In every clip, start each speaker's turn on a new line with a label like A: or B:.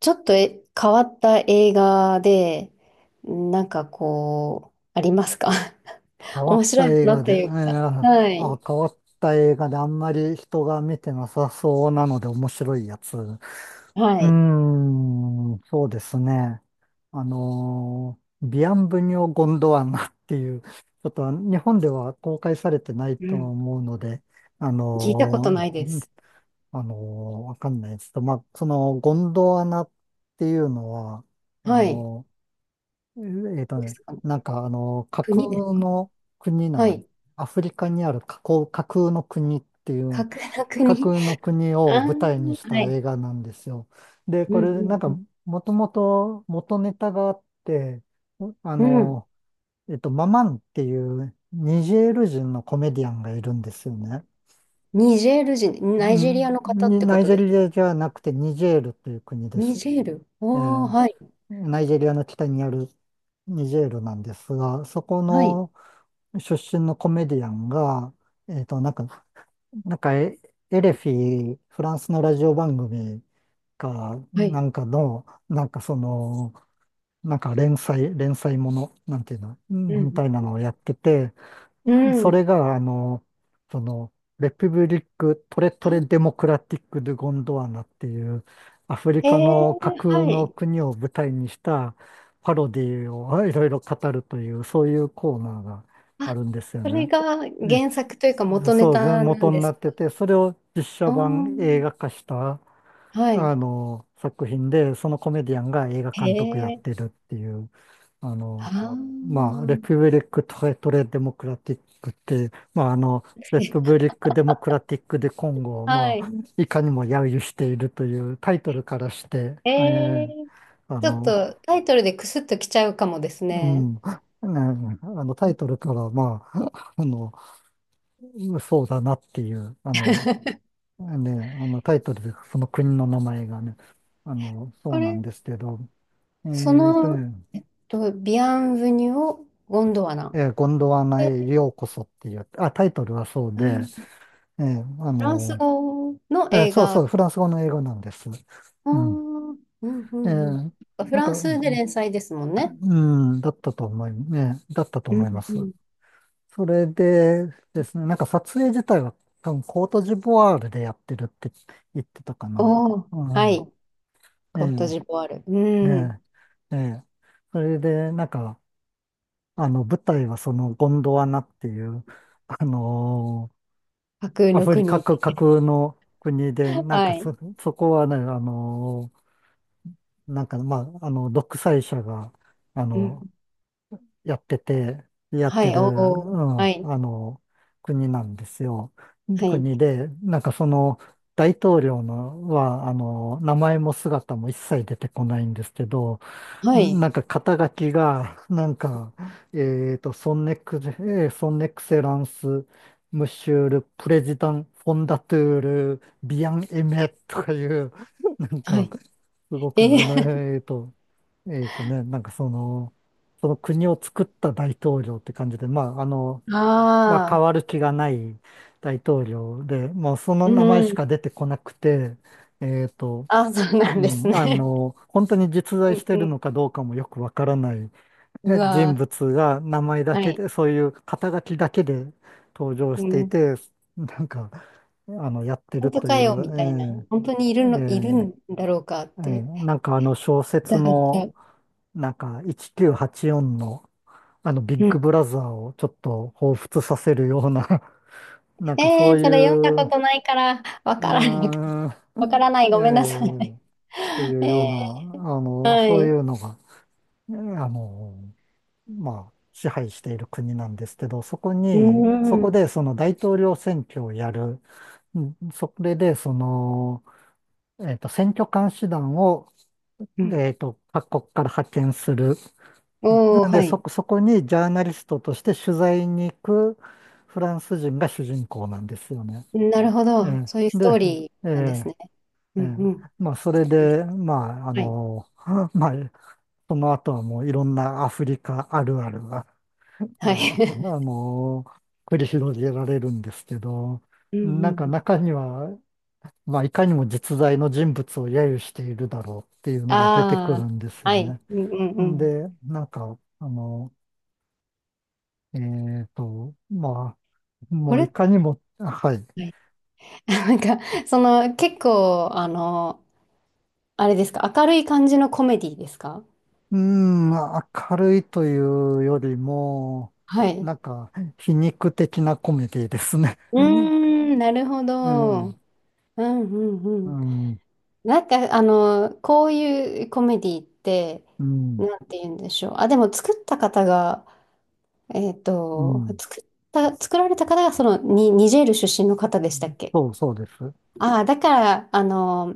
A: ちょっと変わった映画で、なんかこう、ありますか？
B: 変わ
A: 面
B: っ
A: 白
B: た
A: いも
B: 映
A: のっ
B: 画
A: て
B: で、えー
A: いうか。
B: あ、
A: はい。
B: 変わった映画であんまり人が見てなさそうなので面白いやつ。う
A: は
B: ー
A: い。
B: ん、そうですね。あのービアンブニョ・ゴンドワナっていう、ちょっと日本では公開されてない
A: う
B: と
A: ん。
B: 思うので、あ
A: 聞いたことな
B: の
A: い
B: ー
A: で
B: うん
A: す。
B: あのーわかんないですけど、まあ、そのゴンドワナっていうのは、あ
A: はい。
B: のええーと
A: そうです
B: ね、
A: かね。
B: なんかあの、架
A: 国です
B: 空
A: か？
B: の国な
A: は
B: んです。
A: い。
B: アフリカにある架空の国ってい
A: 架
B: う、
A: 空の
B: 架
A: 国。
B: 空の 国
A: あ
B: を
A: あ、
B: 舞台にした
A: はい。
B: 映画なんですよ。で、
A: う
B: これなんか、
A: ん
B: もともと元ネタがあって、あ
A: うんうん。うん。
B: の、ママンっていうニジェール人のコメディアンがいるんですよね。
A: ニジェール人、ナ
B: う
A: イジェリア
B: ん、
A: の方ってこ
B: ナイ
A: と
B: ジェ
A: です。
B: リアじゃなくてニジェールという国で
A: ニ
B: す。
A: ジェー
B: え
A: ル。おー、
B: ー
A: はい。
B: ナイジェリアの北にあるニジェールなんですが、そこ
A: はい。
B: の出身のコメディアンが、なんか、なんかエレフィ、フランスのラジオ番組か、
A: は
B: な
A: い。
B: んかの、なんかその、なんか連載もの、なんていうの、う
A: う
B: んみ
A: ん。
B: たいなのをやってて、
A: う
B: そ
A: ん。
B: れが、あの、その、レピブリック・トレトレ・
A: あ、
B: デモクラティック・ドゥ・ゴンドワナっていう、アフリ
A: えー、
B: カの架空
A: は
B: の
A: い。
B: 国を舞台にしたパロディをいろいろ語るという、そういうコーナーがあ
A: あ、
B: るんですよ
A: それ
B: ね。
A: が
B: ね、
A: 原作というか元ネ
B: そう
A: タな
B: 元
A: ん
B: に
A: で
B: な
A: す
B: って
A: か？
B: て、それを実写
A: あー、
B: 版映画化した、
A: はい。
B: あの、作品で、そのコメディアンが映画
A: へ
B: 監督やっ
A: え。
B: てるっていう、あ
A: あ
B: の、まあ、レ
A: あ。
B: プブリック・トレトレ・デモクラティックって、まあ、あの、レプブ リック・デモクラティック・で今後を、
A: は
B: まあ、
A: い。
B: いかにも揶揄しているというタイトルからして、
A: ええ。
B: あ
A: ちょっ
B: の、
A: とタイトルでクスッときちゃうかもです
B: う
A: ね。
B: ん、ねあのタイトルから、まあ、あの、そうだなっていう、あの、ね、あの、タイトルでその国の名前がね、あの、そ
A: こ
B: うなん
A: れ、
B: ですけど、え
A: そ
B: ーと
A: の、
B: ね、
A: とビアンヴニュオ・ゴンドワナ。
B: ゴンドワナ
A: で、
B: へようこそっていう、あ、タイトルはそう
A: う
B: で、
A: ん、
B: えーあ
A: フランス
B: の、
A: 語の映
B: そう
A: 画。
B: そ
A: あ
B: う、フランス語の英語なんです。
A: あ、う
B: うん。
A: んうんう
B: え
A: ん。
B: ー
A: フ
B: なん
A: ラ
B: か、
A: ンスで連載ですもんね。
B: だったと
A: う
B: 思
A: ん
B: いま
A: う
B: す。
A: ん。
B: それでですね、なんか撮影自体は多分コートジボワールでやってるって言ってたかな。
A: おお、
B: う
A: は
B: ん。
A: い。
B: ええ
A: コートジボワール。うん。
B: ねえ、ええ。それで、なんか、あの、舞台はそのゴンドワナっていう、あのー
A: 架空
B: ア
A: の
B: フリカ
A: 国
B: 各
A: で。
B: 国の国で、なん
A: は
B: か
A: い。
B: そ、そこはね、なんか、まあ、あの、独裁者が、あ
A: う
B: の、
A: ん。
B: やってて、やっ
A: は
B: て
A: い、
B: る、う
A: おお。
B: ん、
A: は
B: あ
A: い。
B: の、国なんですよ。で
A: はい。
B: 国で、なんかその、大統領のは、あの、名前も姿も一切出てこないんですけど、
A: はい。
B: なんか肩書きが、なんか、ソンネクセランス、ムシュール、プレジダン、フォンダトゥール、ビアンエメとかいう、なん
A: は
B: か、
A: い。
B: すごく、
A: え
B: あの、えっと、なんかその、その国を作った大統領って感じで、まあ、あの、
A: ー、
B: まあ、変
A: あ
B: わ
A: あ。
B: る気がない大統領で、もうその
A: う
B: 名前し
A: ん。
B: か出てこなくて、えっと、
A: あ、そうな
B: う
A: んです
B: ん、あ
A: ね。
B: の、本当に実
A: う
B: 在し
A: ん
B: て
A: う
B: るの
A: ん。
B: かどうかもよくわからない、ね、
A: う
B: 人
A: わ
B: 物が名前
A: ー。
B: だ
A: は
B: け
A: い。
B: で、そういう肩書きだけで登場
A: う
B: してい
A: ん。
B: て、なんか、あの、やって
A: 本
B: る
A: 当
B: とい
A: かよ、みたいな。
B: う、
A: 本当にい
B: えー
A: るの、いる
B: えー
A: んだろうかって。
B: なんかあの小説
A: だか
B: の、
A: ら、
B: なんか1984の、あの、ビッ
A: うん。
B: グブラザーをちょっと彷彿させるような、なんか
A: え
B: そう
A: ー、
B: い
A: それ読んだ
B: う、
A: こ
B: う
A: とないから、わ
B: ー
A: からない。
B: ん、
A: わからない。
B: え
A: ごめんなさ
B: ー
A: い。
B: と いうよう
A: え
B: な、あ
A: ー、
B: の、
A: は
B: そうい
A: い。
B: うのが、あの、まあ、支配している国なんですけど、そこ
A: う
B: に、そこ
A: ん。
B: でその大統領選挙をやる、うんそれでその、選挙監視団を、
A: うん。
B: 各国から派遣する。
A: おお、
B: なんで、
A: は
B: そ
A: い。
B: こ、そこにジャーナリストとして取材に行くフランス人が主人公なんですよね。
A: なるほ
B: え
A: ど。
B: え
A: そういうス
B: で、
A: トーリ
B: え
A: ーなんです
B: え
A: ね。う
B: え
A: ん
B: え
A: うん。
B: まあ、それで、まあ、あ
A: はい。
B: の、まあ、その後はもういろんなアフリカあるあるが
A: は
B: が、あ
A: い。
B: の、繰り広げられるんですけど、
A: うん
B: なん
A: う
B: か
A: ん、
B: 中には、まあ、いかにも実在の人物を揶揄しているだろうっていうのが出てくる
A: あ
B: んです
A: あ、
B: よ
A: はい。
B: ね。
A: うんうんうん。
B: で、なんか、あの、えまあ、も
A: こ
B: うい
A: れ、
B: かにも、はい。
A: はい。なんか、その、結構、あの、あれですか、明るい感じのコメディですか？
B: うーん、明るいというよりも、
A: はい。
B: なんか、皮肉的なコメディですね。
A: う
B: うん、
A: ーん、なるほ
B: う
A: ど。う
B: ん、
A: んうんう
B: う
A: ん。
B: ん、
A: なんか、あの、こういうコメディって、
B: うん。
A: なんて言うんでしょう。あ、でも作った方が、えっと、作っ作られた方が、その、に、ニジェール出身の方
B: う
A: でした
B: ん
A: っけ？
B: そうそうです。
A: ああ、だから、あの、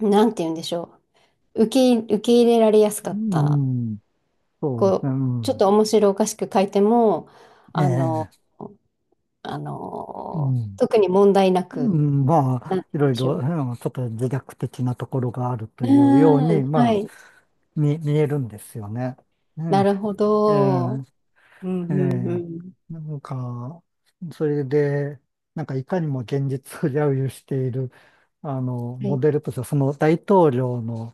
A: なんて言うんでしょう。受け入れられやすか
B: う
A: った。
B: ん、そうですね、う
A: こう、ちょっ
B: ん。
A: と面白おかしく書いても、
B: え
A: あの、
B: え、
A: あ
B: う
A: の、
B: ん。
A: 特に問題な
B: う
A: く、
B: ん、ま
A: なん
B: あ、
A: て
B: い
A: 言う
B: ろ
A: ん
B: い
A: でし
B: ろ、
A: ょ
B: うんちょっと自虐的なところがあると
A: う。う
B: いうよう
A: ー
B: に、
A: ん、は
B: まあ、
A: い。
B: 見えるんですよね。
A: な
B: ね
A: るほ
B: ええ、
A: ど。うん、
B: え
A: うん、う
B: え、
A: ん。
B: なんか、それで、なんかいかにも現実を揶揄している、あの、
A: は
B: モ
A: い。
B: デルとしては、その大統領の、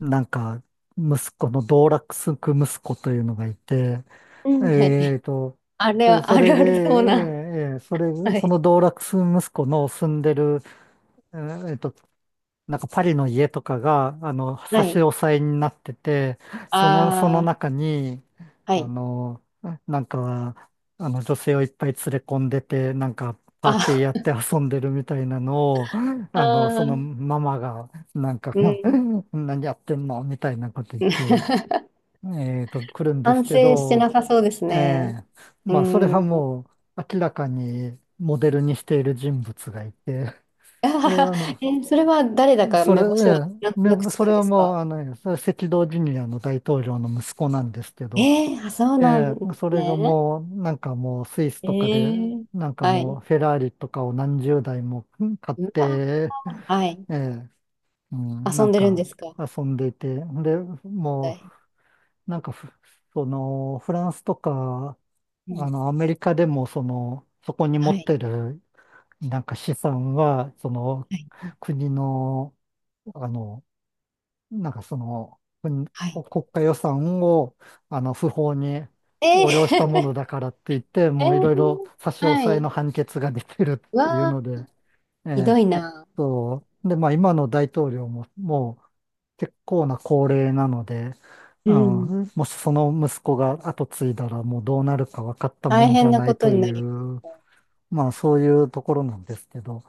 B: なんか、息子の道楽すく息子というのがいて、
A: うん、は
B: え
A: い。
B: ーと、
A: あれは、
B: そ
A: ある
B: れで、
A: あるそうな。
B: それ、
A: は
B: そ
A: い。
B: の道楽息子の住んでる、えーえーと、なんかパリの家とかが、あの、
A: は
B: 差し
A: い。
B: 押さえになってて、その、その
A: あ
B: 中に、
A: あ、は
B: あ
A: い。
B: の、なんか、あの、女性をいっぱい連れ込んでて、なんか、パーティー
A: あ
B: やって遊んでるみたいなのを、
A: あ、
B: あの、その
A: あ、
B: ママが、なんか、
A: う ん。
B: 何やってんのみたいなこと言って、来るんで
A: 反
B: すけ
A: 省してな
B: ど、
A: さそうです
B: え
A: ね。
B: え、
A: う
B: まあ、それは
A: ん。
B: もう明らかにモデルにしている人物がいて、
A: あ
B: そ
A: は
B: れ
A: は。
B: はあの、
A: え、それは誰だか
B: それ、
A: 目
B: え
A: 星はなんと
B: え
A: なく
B: ね、
A: つ
B: そ
A: く
B: れ
A: んで
B: は
A: す
B: もう、
A: か？
B: あの、それ赤道ジュニアの大統領の息子なんですけ
A: え
B: ど、
A: ー、あ、そう
B: え
A: なんで
B: え、
A: す
B: それが
A: ね。
B: もう、なんかもうスイス
A: え
B: とかで、
A: ー、
B: なんか
A: は
B: もう
A: い。
B: フェラーリとかを何十台も買っ
A: うわ、
B: て、
A: はい。
B: ええ、うん、な
A: 遊ん
B: ん
A: でるん
B: か
A: ですか？
B: 遊んでいて、で、
A: お
B: も
A: 題。
B: うなんかふ、その、フランスとか、
A: う
B: あ
A: ん。
B: の、アメリカでも、その、そこに持
A: は
B: っ
A: い。
B: てる、なんか資産は、その、
A: はい。
B: 国の、あの、なんかその、国、
A: はい。
B: 国家予算を、あの、不法に
A: え
B: 横領したもの
A: ー、
B: だからって言って、
A: え
B: もういろいろ
A: ー、
B: 差し押
A: は
B: さえの
A: い。
B: 判決が出てるっ
A: う
B: ていう
A: わ
B: の
A: ー、
B: で、え
A: ひど
B: え、
A: いな。
B: そう。で、まあ今の大統領も、もう、結構な高齢なので、
A: う
B: う
A: ん。
B: ん、もしその息子が後継いだらもうどうなるか分かったも
A: 大
B: んじゃ
A: 変な
B: ない
A: こと
B: と
A: に
B: い
A: なり
B: う、まあそういうところなんですけど、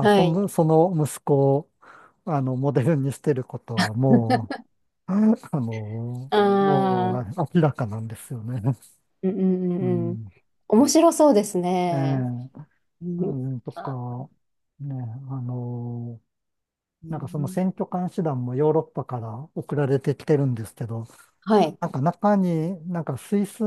A: ます。
B: あ
A: は
B: そ
A: い。
B: の、その息子をあのモデルにしてることはもう、あの、
A: あ
B: もう
A: あ、
B: 明らかなんですよね。
A: うんうんう
B: う
A: んうん。
B: ん、
A: 面白そうです
B: え
A: ね。
B: え
A: う
B: う
A: ん。
B: ん、と
A: あ、
B: か、ね、あの、
A: う
B: なんかその
A: ん、
B: 選挙監視団もヨーロッパから送られてきてるんですけど、
A: はい。
B: なんか中に、なんかスイス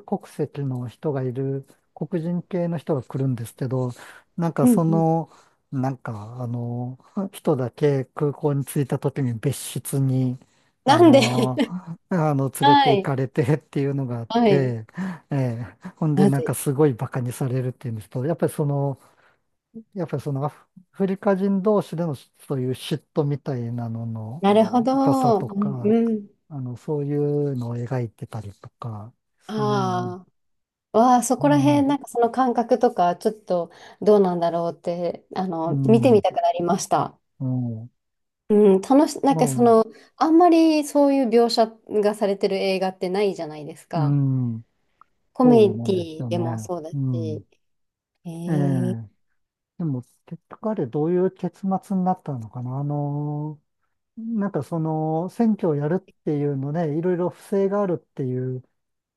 B: 国籍の人がいる、黒人系の人が来るんですけど、なんか
A: う
B: そ
A: んうん。
B: の、なんかあの、人だけ空港に着いた時に別室に、あ
A: なんで？
B: の、あの、連れて
A: は
B: 行
A: い、
B: かれてっていうのがあっ
A: はい、
B: て、ええ、ほんで
A: ま
B: な
A: ず
B: んか
A: い。
B: すごいバカにされるっていうんですけど、やっぱりそのアフフリカ人同士でのそういう嫉妬みたいなのの
A: なるほ
B: 深さ
A: ど。う
B: と
A: ん、
B: か、
A: うん。
B: あの、そういうのを描いてたりとかですね。
A: ああ、わあ、そ
B: う
A: こら辺、
B: ん、
A: なんかその感覚とか、ちょっとどうなんだろうって、あ
B: う
A: の、見てみ
B: ん、
A: たくなりました。
B: うん。
A: なん
B: ま
A: かそ
B: あ、
A: の、あんまりそういう描写がされてる映画ってないじゃないです
B: う
A: か。
B: ん、
A: コメ
B: そう
A: デ
B: なんです
A: ィ
B: よ
A: で
B: ね。
A: もそうだ
B: う
A: し。
B: ん。
A: え
B: え
A: ー、
B: え。でも、結局あれどういう結末になったのかな。あの、なんかその、選挙をやるっていうので、いろいろ不正があるっていう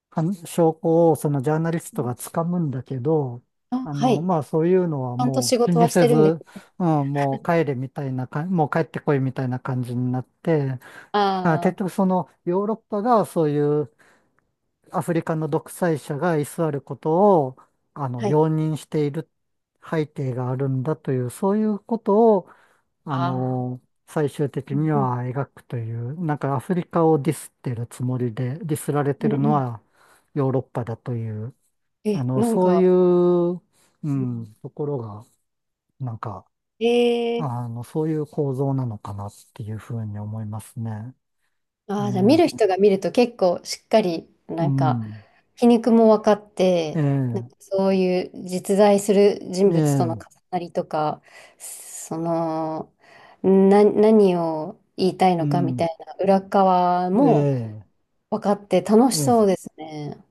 B: 証拠をそのジャーナリストが掴むんだけど、
A: あ、
B: あ
A: はい。
B: の、
A: ち
B: まあそういうのは
A: ゃんと仕
B: もう気
A: 事
B: に
A: はし
B: せ
A: てるんで
B: ず、
A: す。
B: うん、もう帰ってこいみたいな感じになって、あ、
A: あ
B: 結
A: あ、
B: 局そのヨーロッパがそういうアフリカの独裁者が居座ることを、あの、
A: はい。
B: 容認している背景があるんだという、そういうことをあ
A: ああ、
B: の、最終的
A: う
B: に
A: ん、うん、
B: は描くという、なんかアフリカをディスってるつもりで、ディスられて
A: うん
B: る
A: う
B: の
A: ん。
B: はヨーロッパだという、あ
A: え、
B: の、
A: なん
B: そうい
A: か、
B: う、う
A: うん、
B: ん、ところが、なんか、
A: えー、
B: あの、そういう構造なのかなっていうふうに思いますね。え
A: ああ、じゃあ見る
B: え
A: 人が見ると結構しっかり、
B: う
A: なんか、
B: ん、
A: 皮肉も分かって、なん
B: え
A: か
B: え
A: そういう実在する人物との重
B: ええ
A: なりとか、その、何を言いたい
B: う
A: のかみた
B: ん、
A: いな裏側も
B: ええ
A: 分かって楽しそ
B: え
A: う
B: え
A: ですね。